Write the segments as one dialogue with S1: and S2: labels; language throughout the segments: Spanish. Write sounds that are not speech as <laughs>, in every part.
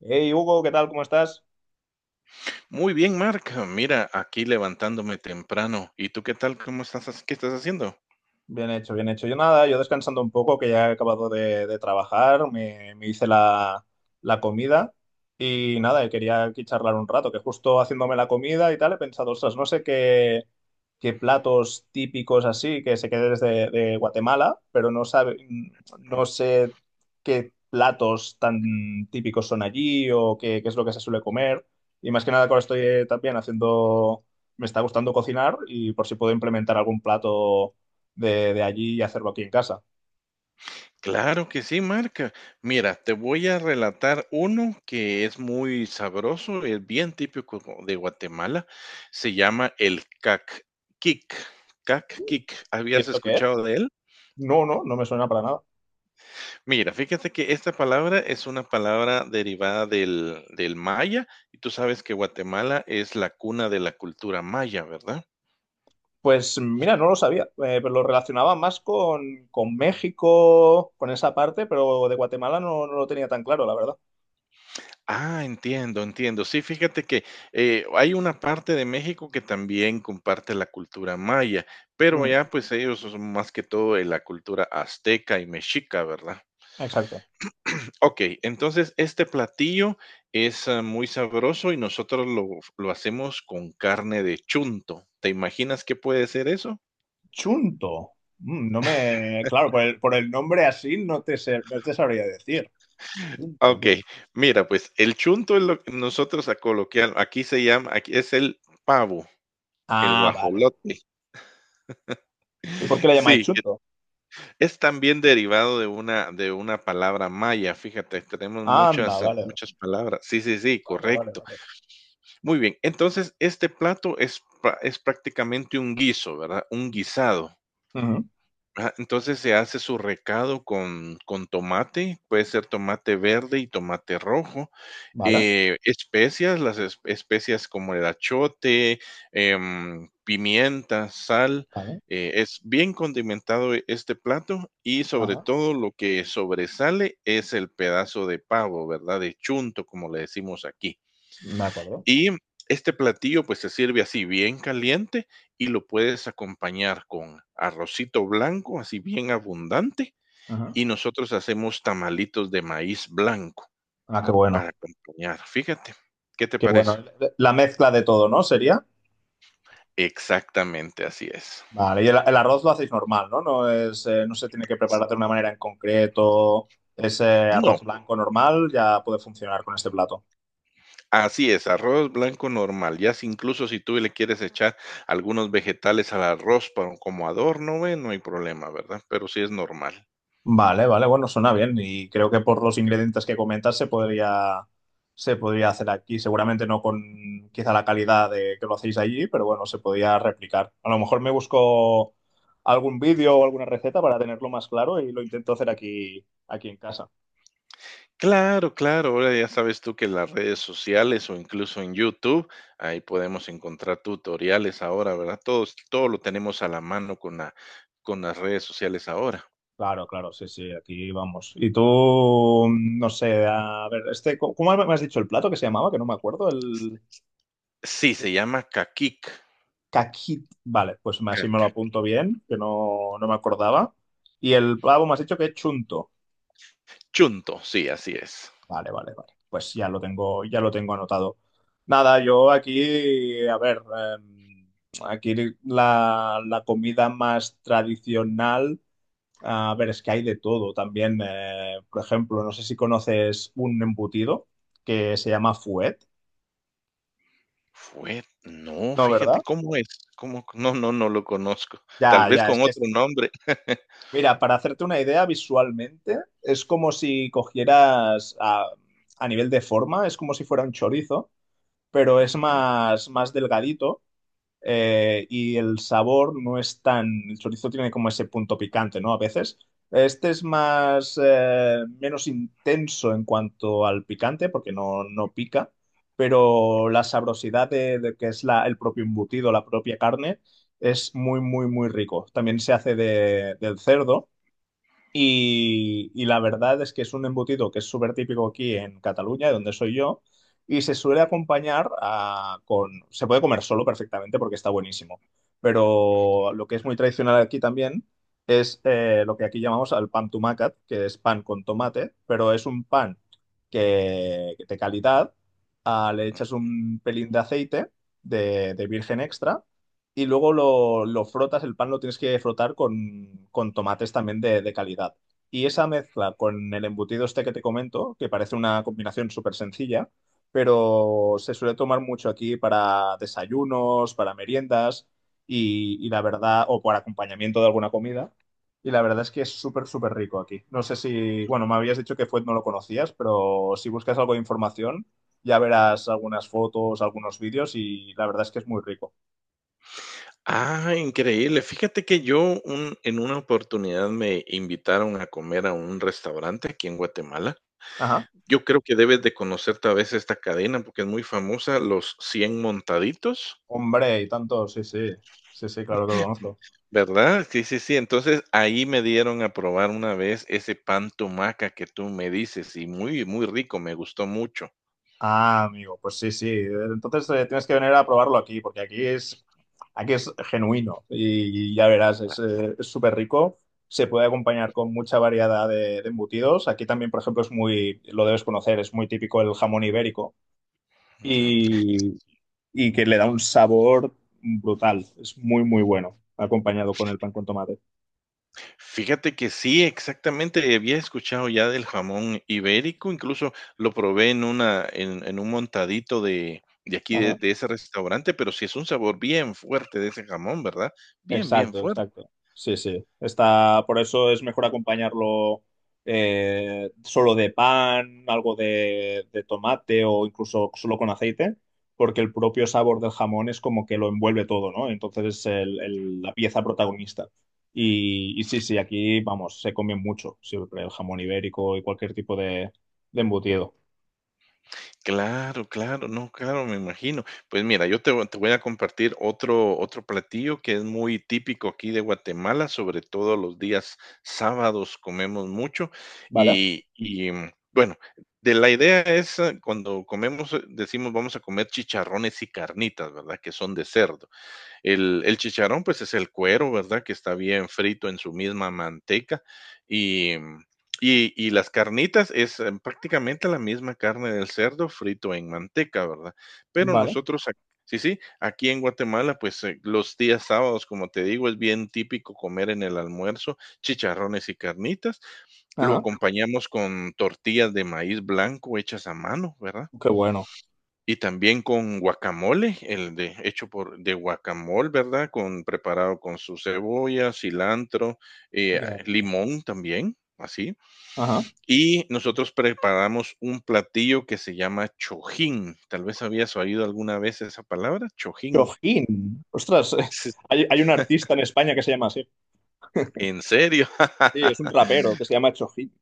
S1: Hey Hugo, ¿qué tal? ¿Cómo estás?
S2: Muy bien, marca. Mira, aquí levantándome temprano. ¿Y tú qué tal? ¿Cómo estás? ¿Qué estás haciendo?
S1: Bien hecho, bien hecho. Yo nada, yo descansando un poco, que ya he acabado de trabajar, me hice la comida y nada, y quería aquí charlar un rato, que justo haciéndome la comida y tal, he pensado, ostras, no sé qué, qué platos típicos así que se queden desde de Guatemala, pero
S2: Mm.
S1: no sé qué platos tan típicos son allí o qué, qué es lo que se suele comer. Y más que nada, ahora estoy también haciendo, me está gustando cocinar y por si puedo implementar algún plato de allí y hacerlo aquí en casa.
S2: Claro que sí, marca. Mira, te voy a relatar uno que es muy sabroso, es bien típico de Guatemala. Se llama el cac-quic. Cac-quic.
S1: ¿Y
S2: ¿Habías
S1: esto qué es?
S2: escuchado de él?
S1: No, no, no me suena para nada.
S2: Mira, fíjate que esta palabra es una palabra derivada del maya y tú sabes que Guatemala es la cuna de la cultura maya, ¿verdad?
S1: Pues mira, no lo sabía, pero lo relacionaba más con México, con esa parte, pero de Guatemala no, no lo tenía tan claro, la verdad.
S2: Ah, entiendo, entiendo. Sí, fíjate que hay una parte de México que también comparte la cultura maya, pero
S1: Ujú.
S2: ya pues ellos son más que todo de la cultura azteca y mexica, ¿verdad?
S1: Exacto.
S2: Ok, entonces este platillo es muy sabroso y lo hacemos con carne de chunto. ¿Te imaginas qué puede ser eso?
S1: Chunto. Mm, no me. Claro, por el nombre así no te, no te sabría decir. Chunto.
S2: Ok, mira, pues el chunto es lo que nosotros a coloquial, aquí se llama, aquí es el pavo, el
S1: Ah, vale.
S2: guajolote.
S1: ¿Y por qué
S2: <laughs>
S1: le llamáis
S2: Sí,
S1: chunto?
S2: es también derivado de una palabra maya, fíjate, tenemos
S1: Anda,
S2: muchas,
S1: vale.
S2: muchas palabras. Sí, sí, sí,
S1: Vale, vale,
S2: correcto.
S1: vale.
S2: Muy bien, entonces este plato es prácticamente un guiso, ¿verdad? Un guisado.
S1: Ujú.
S2: Ajá, entonces se hace su recado con tomate, puede ser tomate verde y tomate rojo,
S1: Vale,
S2: especias, las especias como el achote, pimienta, sal.
S1: vale.
S2: Es bien condimentado este plato y sobre
S1: Ajá.
S2: todo lo que sobresale es el pedazo de pavo, ¿verdad? De chunto, como le decimos aquí.
S1: De acuerdo.
S2: Y este platillo pues se sirve así bien caliente y lo puedes acompañar con arrocito blanco, así bien abundante.
S1: Ajá.
S2: Y nosotros hacemos tamalitos de maíz blanco.
S1: Ah, qué bueno.
S2: Para acompañar, fíjate, ¿qué te
S1: Que
S2: parece?
S1: bueno, la mezcla de todo, ¿no? Sería.
S2: Exactamente, así es.
S1: Vale, y el arroz lo hacéis normal, ¿no? No es, no se tiene que preparar de una manera en concreto. Ese
S2: No,
S1: arroz blanco normal ya puede funcionar con este plato.
S2: así es, arroz blanco normal, ya si incluso si tú le quieres echar algunos vegetales al arroz para como adorno, bueno, no hay problema, ¿verdad? Pero sí es normal.
S1: Vale, vale, bueno, suena bien. Y creo que por los ingredientes que comentas se podría hacer aquí. Seguramente no con quizá la calidad de que lo hacéis allí, pero bueno, se podría replicar. A lo mejor me busco algún vídeo o alguna receta para tenerlo más claro y lo intento hacer aquí, aquí en casa.
S2: Claro, claro, ahora ya sabes tú que en las redes sociales o incluso en YouTube, ahí podemos encontrar tutoriales ahora, ¿verdad? Todo lo tenemos a la mano con las redes sociales ahora.
S1: Claro, claro, sí, sí, aquí vamos. Y tú, mm, no sé, a ver, este, ¿cómo me has dicho el plato que se llamaba? Que no me acuerdo, el
S2: Sí, se llama kakik,
S1: caquit. Vale, pues así me lo
S2: caquic.
S1: apunto bien, que no, no me acordaba. Y el pavo me has dicho que es chunto.
S2: Chunto, sí, así es.
S1: Vale, vale, vale. Pues ya lo tengo anotado. Nada, yo aquí, a ver, aquí la comida más tradicional. A ver, es que hay de todo también. Eh, por ejemplo, no sé si conoces un embutido que se llama fuet,
S2: Fue no,
S1: ¿no,
S2: fíjate,
S1: verdad?
S2: ¿cómo es? ¿Cómo? No, no, no lo conozco. Tal
S1: Ya,
S2: vez
S1: ya, es
S2: con
S1: que es-
S2: otro nombre.
S1: Mira, para hacerte una idea visualmente, es como si cogieras a nivel de forma, es como si fuera un chorizo, pero es
S2: Ujú.
S1: más, más delgadito, y el sabor no es tan, el chorizo tiene como ese punto picante, ¿no? A veces. Este es más, menos intenso en cuanto al picante, porque no, no pica, pero la sabrosidad de que es la, el propio embutido, la propia carne, es muy, muy, muy rico. También se hace del cerdo y la verdad es que es un embutido que es súper típico aquí en Cataluña, de donde soy yo, y se suele acompañar con... Se puede comer solo perfectamente porque está buenísimo, pero lo que es muy tradicional aquí también es, lo que aquí llamamos al pan tumacat, que es pan con tomate, pero es un pan que de calidad, ah, le echas un pelín de aceite de virgen extra y luego lo frotas, el pan lo tienes que frotar con tomates también de calidad. Y esa mezcla con el embutido este que te comento, que parece una combinación súper sencilla, pero se suele tomar mucho aquí para desayunos, para meriendas y la verdad, o por acompañamiento de alguna comida. Y la verdad es que es súper, súper rico aquí. No sé si, bueno, me habías dicho que fuet no lo conocías, pero si buscas algo de información, ya verás algunas fotos, algunos vídeos y la verdad es que es muy rico.
S2: Ah, increíble. Fíjate que yo un en una oportunidad me invitaron a comer a un restaurante aquí en Guatemala.
S1: Ajá.
S2: Yo creo que debes de conocer tal vez esta cadena porque es muy famosa, Los 100 Montaditos,
S1: Hombre, y tanto, sí, sí. Sí, sí, claro que lo conozco.
S2: ¿verdad? Sí, sí, sí. Entonces, ahí me dieron a probar una vez ese pan tumaca que tú me dices, y muy, muy rico, me gustó mucho.
S1: Ah, amigo, pues sí, sí. Entonces, tienes que venir a probarlo aquí, porque aquí es genuino y, ya verás, es, es súper rico. Se puede acompañar con mucha variedad de embutidos. Aquí también, por ejemplo, es muy, lo debes conocer, es muy típico el jamón ibérico
S2: Ujú.
S1: y, y que le da un sabor brutal. Es muy, muy bueno, acompañado con el pan con tomate.
S2: Fíjate que sí, exactamente, había escuchado ya del jamón ibérico, incluso lo probé en una en un montadito de aquí
S1: Ajá.
S2: de ese restaurante, pero sí es un sabor bien fuerte de ese jamón, ¿verdad? Bien, bien
S1: Exacto,
S2: fuerte.
S1: exacto. Sí, sí. Está, por eso es mejor acompañarlo, solo de pan, algo de tomate o incluso solo con aceite, porque el propio sabor del jamón es como que lo envuelve todo, ¿no? Entonces es la pieza protagonista. Y sí, sí, aquí, vamos, se come mucho siempre el jamón ibérico y cualquier tipo de embutido.
S2: Claro, claro, no, claro, me imagino. Pues mira, te voy a compartir otro, otro platillo que es muy típico aquí de Guatemala, sobre todo los días sábados comemos mucho
S1: ¿Vale?
S2: bueno, de la idea es cuando comemos, decimos vamos a comer chicharrones y carnitas, ¿verdad? Que son de cerdo. El chicharrón, pues es el cuero, ¿verdad? Que está bien frito en su misma manteca. Y, mm, y las carnitas es prácticamente la misma carne del cerdo frito en manteca, ¿verdad? Pero
S1: ¿Vale?
S2: nosotros, sí, sí, aquí en Guatemala, pues los días sábados, como te digo, es bien típico comer en el almuerzo chicharrones y carnitas. Lo
S1: Ajá.
S2: acompañamos con tortillas de maíz blanco hechas a mano, ¿verdad?
S1: Qué bueno.
S2: Y también con guacamole, el de hecho por de guacamole, ¿verdad? Con preparado con su cebolla, cilantro,
S1: Ya, ya, ya.
S2: limón también, así.
S1: Ajá.
S2: Y nosotros preparamos un platillo que se llama chojín. Tal vez habías oído alguna vez esa palabra, chojín.
S1: Chojín. Ostras, <laughs>
S2: Sí.
S1: hay un artista en España que se llama así.
S2: ¿En serio?
S1: Sí, es un
S2: <laughs>
S1: rapero que se llama Chojín.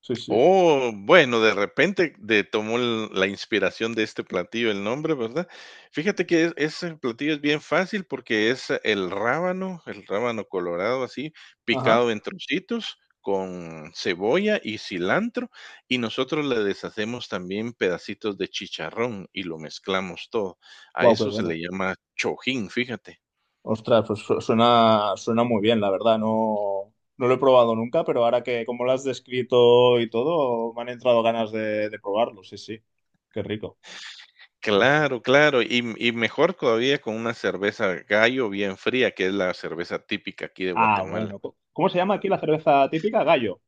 S1: Sí, sí.
S2: Oh, bueno, de repente de tomó el la inspiración de este platillo el nombre, ¿verdad? Fíjate que es ese platillo es bien fácil porque es el rábano colorado así,
S1: Ajá.
S2: picado en trocitos con cebolla y cilantro, y nosotros le deshacemos también pedacitos de chicharrón y lo mezclamos todo. A
S1: Wow, qué
S2: eso se
S1: bueno.
S2: le llama chojín, fíjate.
S1: Ostras, pues suena, suena muy bien, la verdad. No, no lo he probado nunca, pero ahora que como lo has descrito y todo, me han entrado ganas de probarlo. Sí, sí. Qué rico. Ostras.
S2: Claro, claro, y mejor todavía con una cerveza Gallo bien fría, que es la cerveza típica aquí de
S1: Ah, bueno.
S2: Guatemala.
S1: ¿Cómo se llama aquí la cerveza típica? Gallo.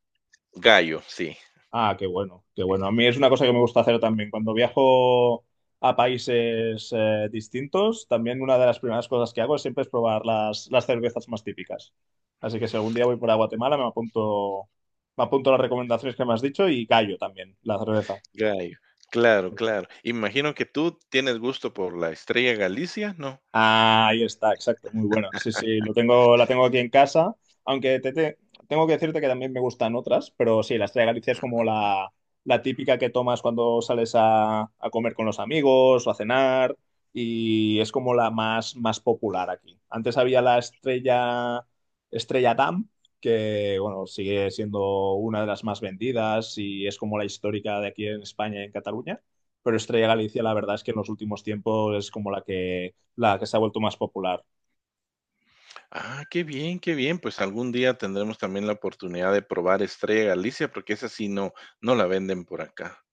S2: Gallo, sí,
S1: Ah, qué bueno, qué bueno. A mí es una cosa que me gusta hacer también. Cuando viajo a países, distintos, también una de las primeras cosas que hago es siempre es probar las cervezas más típicas. Así que si algún día voy por a Guatemala, me apunto las recomendaciones que me has dicho y callo también la cerveza.
S2: Gallo. Claro, claro. Imagino que tú tienes gusto por la Estrella Galicia, ¿no?
S1: Ah, ahí está, exacto, muy bueno. Sí, sí, lo tengo, la tengo aquí en casa, aunque tengo que decirte que también me gustan otras, pero sí, la Estrella de Galicia es como
S2: Ujú.
S1: la típica que tomas cuando sales a comer con los amigos o a cenar y es como la más, más popular aquí. Antes había Estrella Damm, que bueno, sigue siendo una de las más vendidas y es como la histórica de aquí en España y en Cataluña. Pero Estrella Galicia, la verdad es que en los últimos tiempos es como la que se ha vuelto más popular.
S2: Ah, qué bien, qué bien. Pues algún día tendremos también la oportunidad de probar Estrella Galicia, porque esa sí no, no la venden por acá.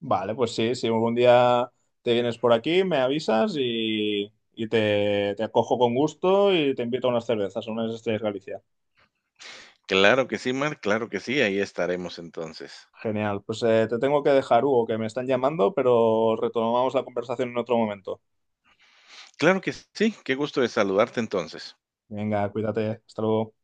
S1: Vale, pues sí, si algún día te vienes por aquí, me avisas y te acojo con gusto y te invito a unas cervezas, a unas estrellas Galicia.
S2: Claro que sí, Mar, claro que sí, ahí estaremos entonces.
S1: Genial, pues te tengo que dejar, Hugo, que me están llamando, pero retomamos la conversación en otro momento.
S2: Claro que sí, qué gusto de saludarte entonces.
S1: Venga, cuídate, hasta luego.